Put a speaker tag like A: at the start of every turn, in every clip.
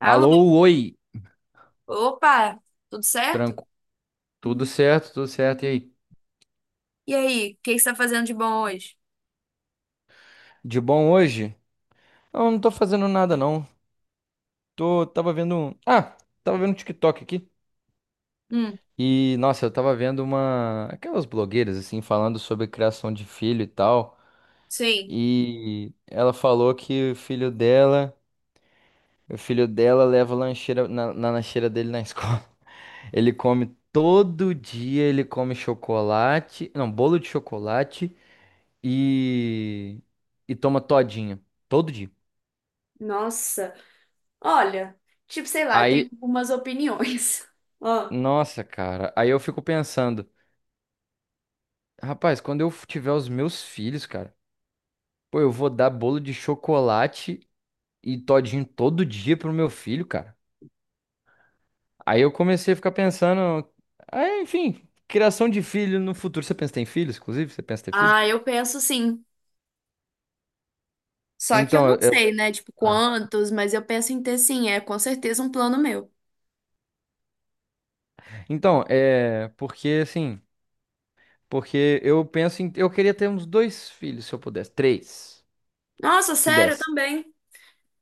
A: Alô,
B: Alô, oi,
A: opa, tudo certo?
B: tranco. Tudo certo, tudo certo. E aí?
A: E aí, o que você tá fazendo de bom hoje?
B: De bom hoje? Não, não tô fazendo nada não. Tô, tava vendo, um- ah, tava vendo um TikTok aqui.
A: Hum,
B: E nossa, eu tava vendo uma aquelas blogueiras assim falando sobre criação de filho e tal.
A: sim.
B: E ela falou que o filho dela leva lancheira na lancheira dele na escola. Ele come todo dia, ele come chocolate, não, bolo de chocolate e e toma todinho. Todo dia.
A: Nossa, olha, tipo, sei lá, eu tenho
B: Aí,
A: algumas opiniões. Ó,
B: nossa, cara, aí eu fico pensando, rapaz, quando eu tiver os meus filhos, cara, pô, eu vou dar bolo de chocolate e todinho todo dia pro meu filho, cara. Aí eu comecei a ficar pensando, aí, enfim, criação de filho no futuro. Você pensa em ter filhos, inclusive? Você pensa em ter filhos?
A: ah, eu penso sim. Só que eu
B: Então,
A: não
B: eu-
A: sei, né? Tipo,
B: Ah.
A: quantos, mas eu penso em ter sim, é com certeza um plano meu.
B: então, é porque assim, porque eu penso em, eu queria ter uns dois filhos se eu pudesse, três,
A: Nossa,
B: se
A: sério, eu
B: desse.
A: também.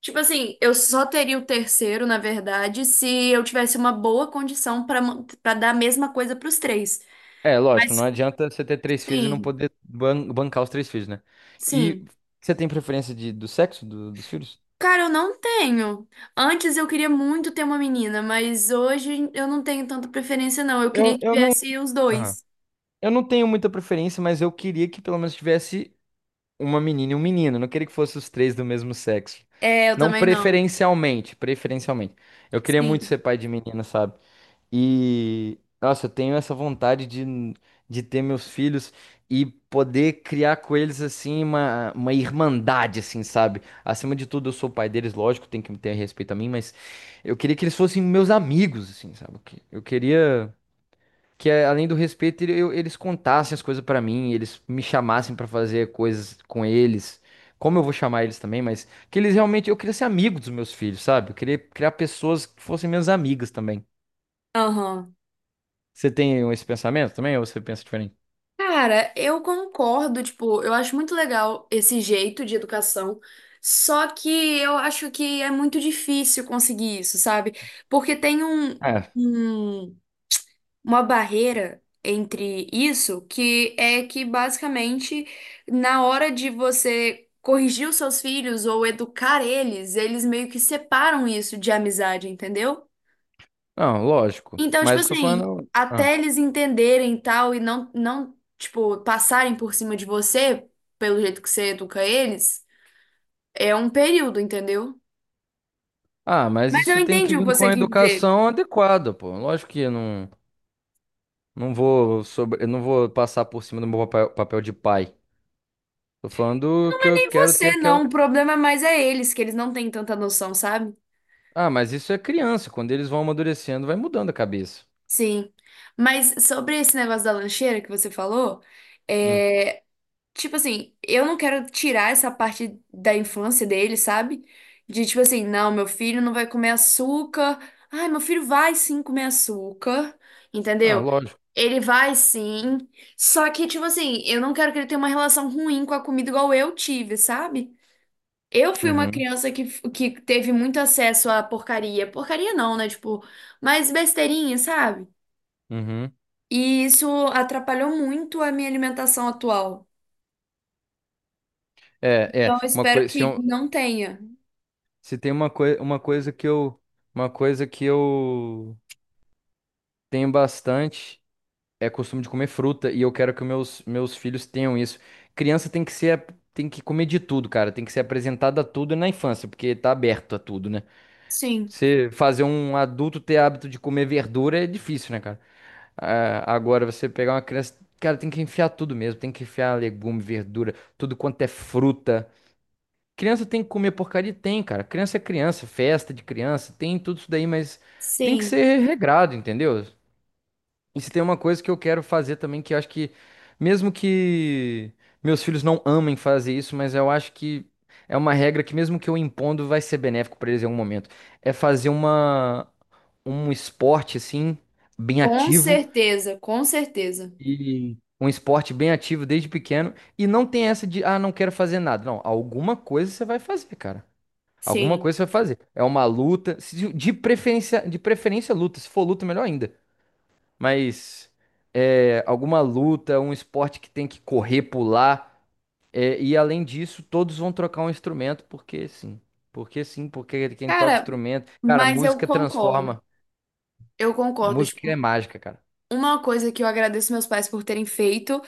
A: Tipo assim, eu só teria o terceiro, na verdade, se eu tivesse uma boa condição para dar a mesma coisa para os três.
B: É,
A: Mas
B: lógico, não adianta você ter três filhos e não
A: sim,
B: poder bancar os três filhos, né?
A: sim.
B: E você tem preferência de, do dos filhos?
A: Cara, eu não tenho. Antes eu queria muito ter uma menina, mas hoje eu não tenho tanta preferência, não. Eu queria que
B: Eu não,
A: viesse os
B: Aham.
A: dois.
B: Eu não tenho muita preferência, mas eu queria que pelo menos tivesse uma menina e um menino. Eu não queria que fossem os três do mesmo sexo.
A: É, eu
B: Não
A: também não.
B: preferencialmente, preferencialmente. Eu queria muito
A: Sim.
B: ser pai de menina, sabe? E, nossa, eu tenho essa vontade de ter meus filhos e poder criar com eles, assim, uma irmandade, assim, sabe? Acima de tudo, eu sou o pai deles, lógico, tem que ter respeito a mim, mas eu queria que eles fossem meus amigos, assim, sabe? Eu queria que, além do respeito, eles contassem as coisas pra mim, eles me chamassem pra fazer coisas com eles. Como eu vou chamar eles também, mas que eles realmente. Eu queria ser amigo dos meus filhos, sabe? Eu queria criar pessoas que fossem minhas amigas também.
A: Aham.
B: Você tem esse pensamento também ou você pensa diferente?
A: Cara, eu concordo, tipo, eu acho muito legal esse jeito de educação, só que eu acho que é muito difícil conseguir isso, sabe? Porque tem
B: É.
A: um- uma barreira entre isso, que é que basicamente na hora de você corrigir os seus filhos ou educar eles, eles meio que separam isso de amizade, entendeu?
B: Não, lógico.
A: Então, tipo
B: Mas eu estou
A: assim,
B: falando. Ah.
A: até eles entenderem e tal e não, tipo, passarem por cima de você pelo jeito que você educa eles, é um período, entendeu?
B: Ah, mas
A: Mas eu
B: isso tem
A: entendi
B: que
A: o que
B: vir com
A: você
B: a
A: quis dizer.
B: educação adequada, pô. Lógico que eu não, não vou sobre, eu não vou passar por cima do meu papel, papel de pai. Tô falando
A: Não
B: que
A: é
B: eu
A: nem
B: quero ter
A: você,
B: aquela.
A: não. O problema mais é eles, que eles não têm tanta noção, sabe?
B: Ah, mas isso é criança. Quando eles vão amadurecendo, vai mudando a cabeça.
A: Sim. Mas sobre esse negócio da lancheira que você falou,
B: Hum.
A: é, tipo assim, eu não quero tirar essa parte da infância dele, sabe? De tipo assim, não, meu filho não vai comer açúcar. Ai, meu filho vai sim comer açúcar,
B: Ah,
A: entendeu?
B: lógico.
A: Ele vai sim. Só que, tipo assim, eu não quero que ele tenha uma relação ruim com a comida igual eu tive, sabe? Eu fui uma
B: Uhum,
A: criança que teve muito acesso à porcaria. Porcaria não, né? Tipo, mas besteirinha, sabe?
B: uhum.
A: E isso atrapalhou muito a minha alimentação atual.
B: É,
A: Então,
B: é.
A: eu
B: Uma
A: espero
B: coisa. Se,
A: que
B: eu-
A: não tenha.
B: se tem uma, coi uma coisa que eu. Uma coisa que eu tenho bastante. É costume de comer fruta e eu quero que meus filhos tenham isso. Criança tem que ser, tem que comer de tudo, cara. Tem que ser apresentada a tudo na infância, porque tá aberto a tudo, né?
A: Sim,
B: Você fazer um adulto ter hábito de comer verdura é difícil, né, cara? Ah, agora você pegar uma criança, cara, tem que enfiar tudo mesmo, tem que enfiar legume, verdura, tudo quanto é fruta. Criança tem que comer porcaria? Tem, cara. Criança é criança, festa de criança, tem tudo isso daí, mas tem que
A: sim,
B: ser regrado, entendeu? E se tem uma coisa que eu quero fazer também, que eu acho que, mesmo que meus filhos não amem fazer isso, mas eu acho que é uma regra que, mesmo que eu impondo, vai ser benéfico para eles em algum momento. É um esporte, assim, bem
A: com
B: ativo.
A: certeza, com certeza.
B: E um esporte bem ativo desde pequeno. E não tem essa de, ah, não quero fazer nada. Não, alguma coisa você vai fazer, cara. Alguma
A: Sim.
B: coisa você vai fazer. É uma luta, de preferência luta. Se for luta, melhor ainda. Mas é, alguma luta, um esporte que tem que correr, pular, e além disso, todos vão trocar um instrumento, porque sim. Porque sim, porque quem toca
A: Cara,
B: instrumento. Cara,
A: mas eu
B: música
A: concordo.
B: transforma.
A: Eu concordo.
B: Música é
A: Tipo,
B: mágica, cara.
A: uma coisa que eu agradeço meus pais por terem feito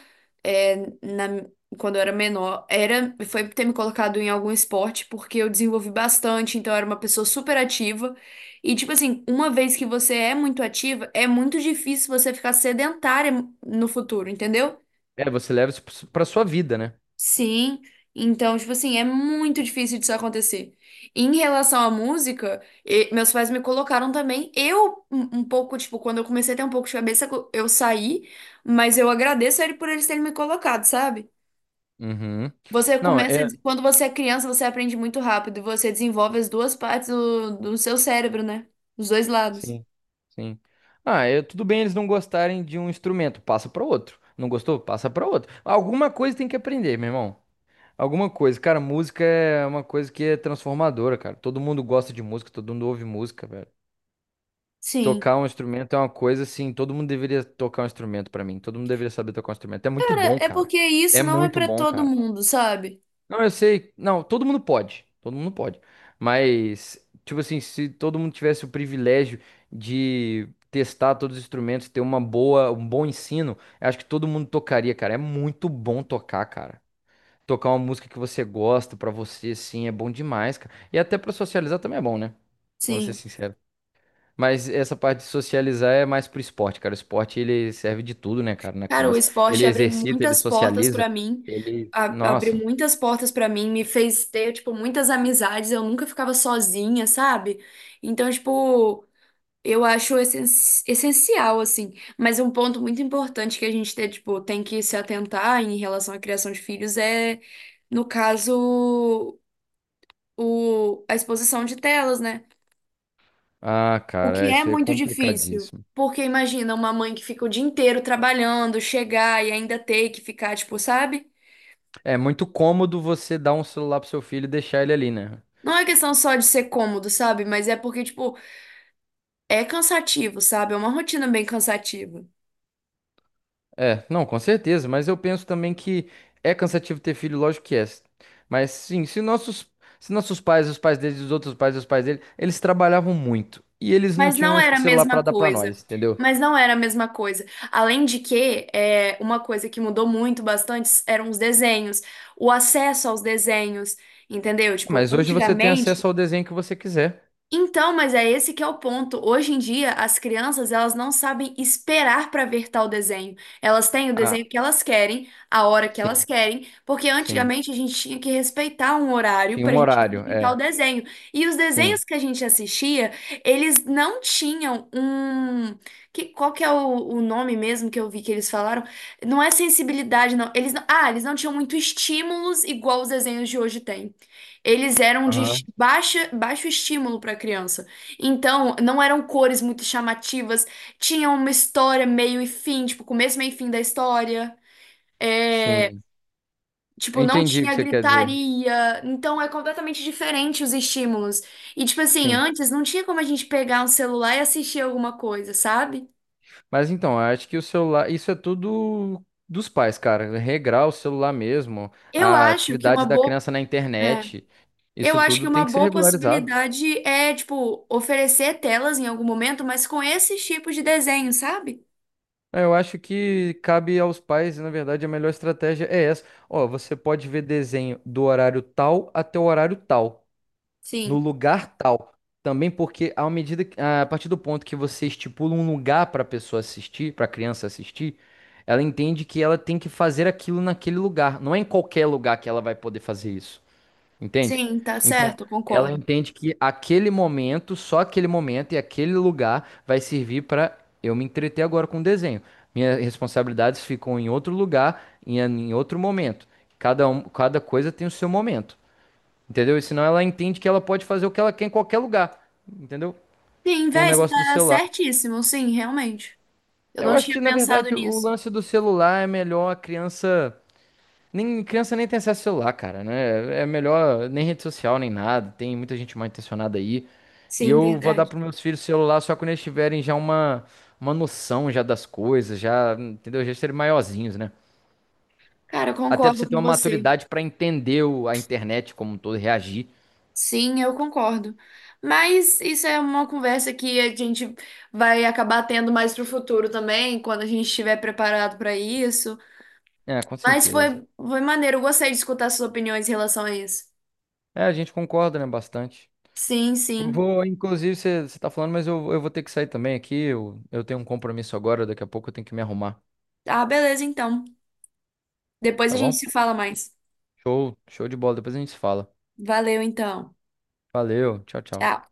A: é, na- quando eu era menor era foi ter me colocado em algum esporte porque eu desenvolvi bastante, então eu era uma pessoa super ativa. E tipo assim, uma vez que você é muito ativa, é muito difícil você ficar sedentária no futuro, entendeu?
B: É, você leva isso pra sua vida, né?
A: Sim, então, tipo assim, é muito difícil disso acontecer. Em relação à música, meus pais me colocaram também. Eu, um pouco, tipo, quando eu comecei a ter um pouco de cabeça, eu saí, mas eu agradeço a ele por eles terem me colocado, sabe?
B: Uhum.
A: Você
B: Não,
A: começa,
B: é.
A: quando você é criança, você aprende muito rápido, e você desenvolve as duas partes do seu cérebro, né? Os dois lados.
B: Sim, sim. Ah, é, tudo bem eles não gostarem de um instrumento, passa para outro. Não gostou? Passa para outro. Alguma coisa tem que aprender, meu irmão. Alguma coisa, cara, música é uma coisa que é transformadora, cara. Todo mundo gosta de música, todo mundo ouve música, velho.
A: Sim.
B: Tocar um instrumento é uma coisa assim, todo mundo deveria tocar um instrumento pra mim, todo mundo deveria saber tocar um instrumento. É muito
A: Cara,
B: bom,
A: é
B: cara.
A: porque
B: É
A: isso não é
B: muito
A: pra
B: bom,
A: todo
B: cara.
A: mundo, sabe?
B: Não, eu sei, não, todo mundo pode, todo mundo pode. Mas, tipo assim, se todo mundo tivesse o privilégio de testar todos os instrumentos, ter um bom ensino, eu acho que todo mundo tocaria, cara. É muito bom tocar, cara. Tocar uma música que você gosta pra você, assim, é bom demais, cara. E até pra socializar também é bom, né? Pra ser
A: Sim.
B: sincero. Mas essa parte de socializar é mais pro esporte, cara. O esporte, ele serve de tudo, né, cara, na
A: Cara, o
B: criança. Ele
A: esporte abriu
B: exercita, ele
A: muitas portas
B: socializa,
A: pra mim,
B: ele...
A: abriu
B: Nossa.
A: muitas portas pra mim, me fez ter, tipo, muitas amizades, eu nunca ficava sozinha, sabe? Então, tipo, eu acho essencial, assim, mas um ponto muito importante que a gente tem, tipo, tem que se atentar em relação à criação de filhos é, no caso, a exposição de telas, né?
B: Ah,
A: O que
B: cara,
A: é
B: isso aí é
A: muito difícil.
B: complicadíssimo.
A: Porque imagina uma mãe que fica o dia inteiro trabalhando, chegar e ainda ter que ficar, tipo, sabe?
B: É muito cômodo você dar um celular pro seu filho e deixar ele ali, né?
A: Não é questão só de ser cômodo, sabe? Mas é porque, tipo, é cansativo, sabe? É uma rotina bem cansativa.
B: É, não, com certeza, mas eu penso também que é cansativo ter filho, lógico que é. Mas sim, se nossos pais, os pais deles, os outros pais, os pais deles, eles trabalhavam muito e eles não
A: Mas não
B: tinham
A: era a
B: celular pra
A: mesma
B: dar pra
A: coisa.
B: nós, entendeu?
A: Mas não era a mesma coisa. Além de que, é, uma coisa que mudou muito bastante eram os desenhos, o acesso aos desenhos, entendeu?
B: Ah,
A: Tipo,
B: mas hoje você tem acesso
A: antigamente,
B: ao desenho que você quiser.
A: então, mas é esse que é o ponto. Hoje em dia, as crianças, elas não sabem esperar para ver tal desenho. Elas têm o
B: Ah,
A: desenho que elas querem, a hora que elas
B: sim,
A: querem, porque
B: sim.
A: antigamente a gente tinha que respeitar um horário
B: Tinha
A: para
B: um
A: a gente
B: horário,
A: assistir tal
B: é,
A: desenho. E os
B: sim.
A: desenhos que a gente assistia, eles não tinham um... Que, qual que é o nome mesmo que eu vi que eles falaram? Não é sensibilidade, não. Eles não... Ah, eles não tinham muito estímulos igual os desenhos de hoje têm. Eles eram de
B: Aham.
A: baixa, baixo estímulo para criança. Então, não eram cores muito chamativas, tinha uma história meio e fim, tipo, começo, meio e fim da história.
B: Sim. Eu
A: Tipo, não
B: entendi o que
A: tinha
B: você quer dizer.
A: gritaria. Então, é completamente diferente os estímulos. E, tipo assim,
B: Sim.
A: antes não tinha como a gente pegar um celular e assistir alguma coisa, sabe?
B: Mas então, eu acho que o celular, isso é tudo dos pais, cara. Regrar o celular mesmo,
A: Eu
B: a
A: acho que uma
B: atividade da
A: boa.
B: criança na
A: É.
B: internet,
A: Eu
B: isso
A: acho que
B: tudo
A: uma
B: tem que ser
A: boa
B: regularizado.
A: possibilidade é, tipo, oferecer telas em algum momento, mas com esses tipos de desenho, sabe?
B: É. Eu acho que cabe aos pais, e na verdade a melhor estratégia é essa. Ó, você pode ver desenho do horário tal até o horário tal, no
A: Sim.
B: lugar tal. Também porque a partir do ponto que você estipula um lugar para a pessoa assistir, para a criança assistir, ela entende que ela tem que fazer aquilo naquele lugar. Não é em qualquer lugar que ela vai poder fazer isso, entende?
A: Sim, tá
B: Então,
A: certo, eu
B: ela
A: concordo.
B: entende que aquele momento, só aquele momento e aquele lugar vai servir para eu me entreter agora com o desenho. Minhas responsabilidades ficam em outro lugar, em outro momento. Cada coisa tem o seu momento. Entendeu? E senão ela entende que ela pode fazer o que ela quer em qualquer lugar. Entendeu?
A: Sim,
B: Com o
A: véi, você
B: negócio do
A: tá
B: celular.
A: certíssimo, sim, realmente. Eu
B: Eu
A: não
B: acho
A: tinha
B: que, na
A: pensado
B: verdade, o
A: nisso.
B: lance do celular é melhor a criança. Nem, criança nem tem acesso ao celular, cara, né? É melhor nem rede social, nem nada. Tem muita gente mal intencionada aí. E
A: Sim,
B: eu vou dar
A: verdade.
B: pros meus filhos celular só quando eles tiverem já uma noção já das coisas, já, entendeu? Já serem maiorzinhos, né?
A: Cara, eu
B: Até pra
A: concordo
B: você ter
A: com
B: uma
A: você.
B: maturidade pra entender a internet como um todo, e reagir.
A: Sim, eu concordo. Mas isso é uma conversa que a gente vai acabar tendo mais pro futuro também, quando a gente estiver preparado para isso.
B: É, com
A: Mas
B: certeza.
A: foi, foi maneiro, eu gostei de escutar suas opiniões em relação a isso.
B: É, a gente concorda, né, bastante.
A: Sim,
B: Eu
A: sim.
B: vou, inclusive, você tá falando, mas eu vou ter que sair também aqui. Eu tenho um compromisso agora, daqui a pouco eu tenho que me arrumar,
A: Ah, beleza, então. Depois a
B: tá
A: gente
B: bom?
A: se fala mais.
B: Show, show de bola, depois a gente se fala.
A: Valeu, então.
B: Valeu, tchau, tchau.
A: Tchau.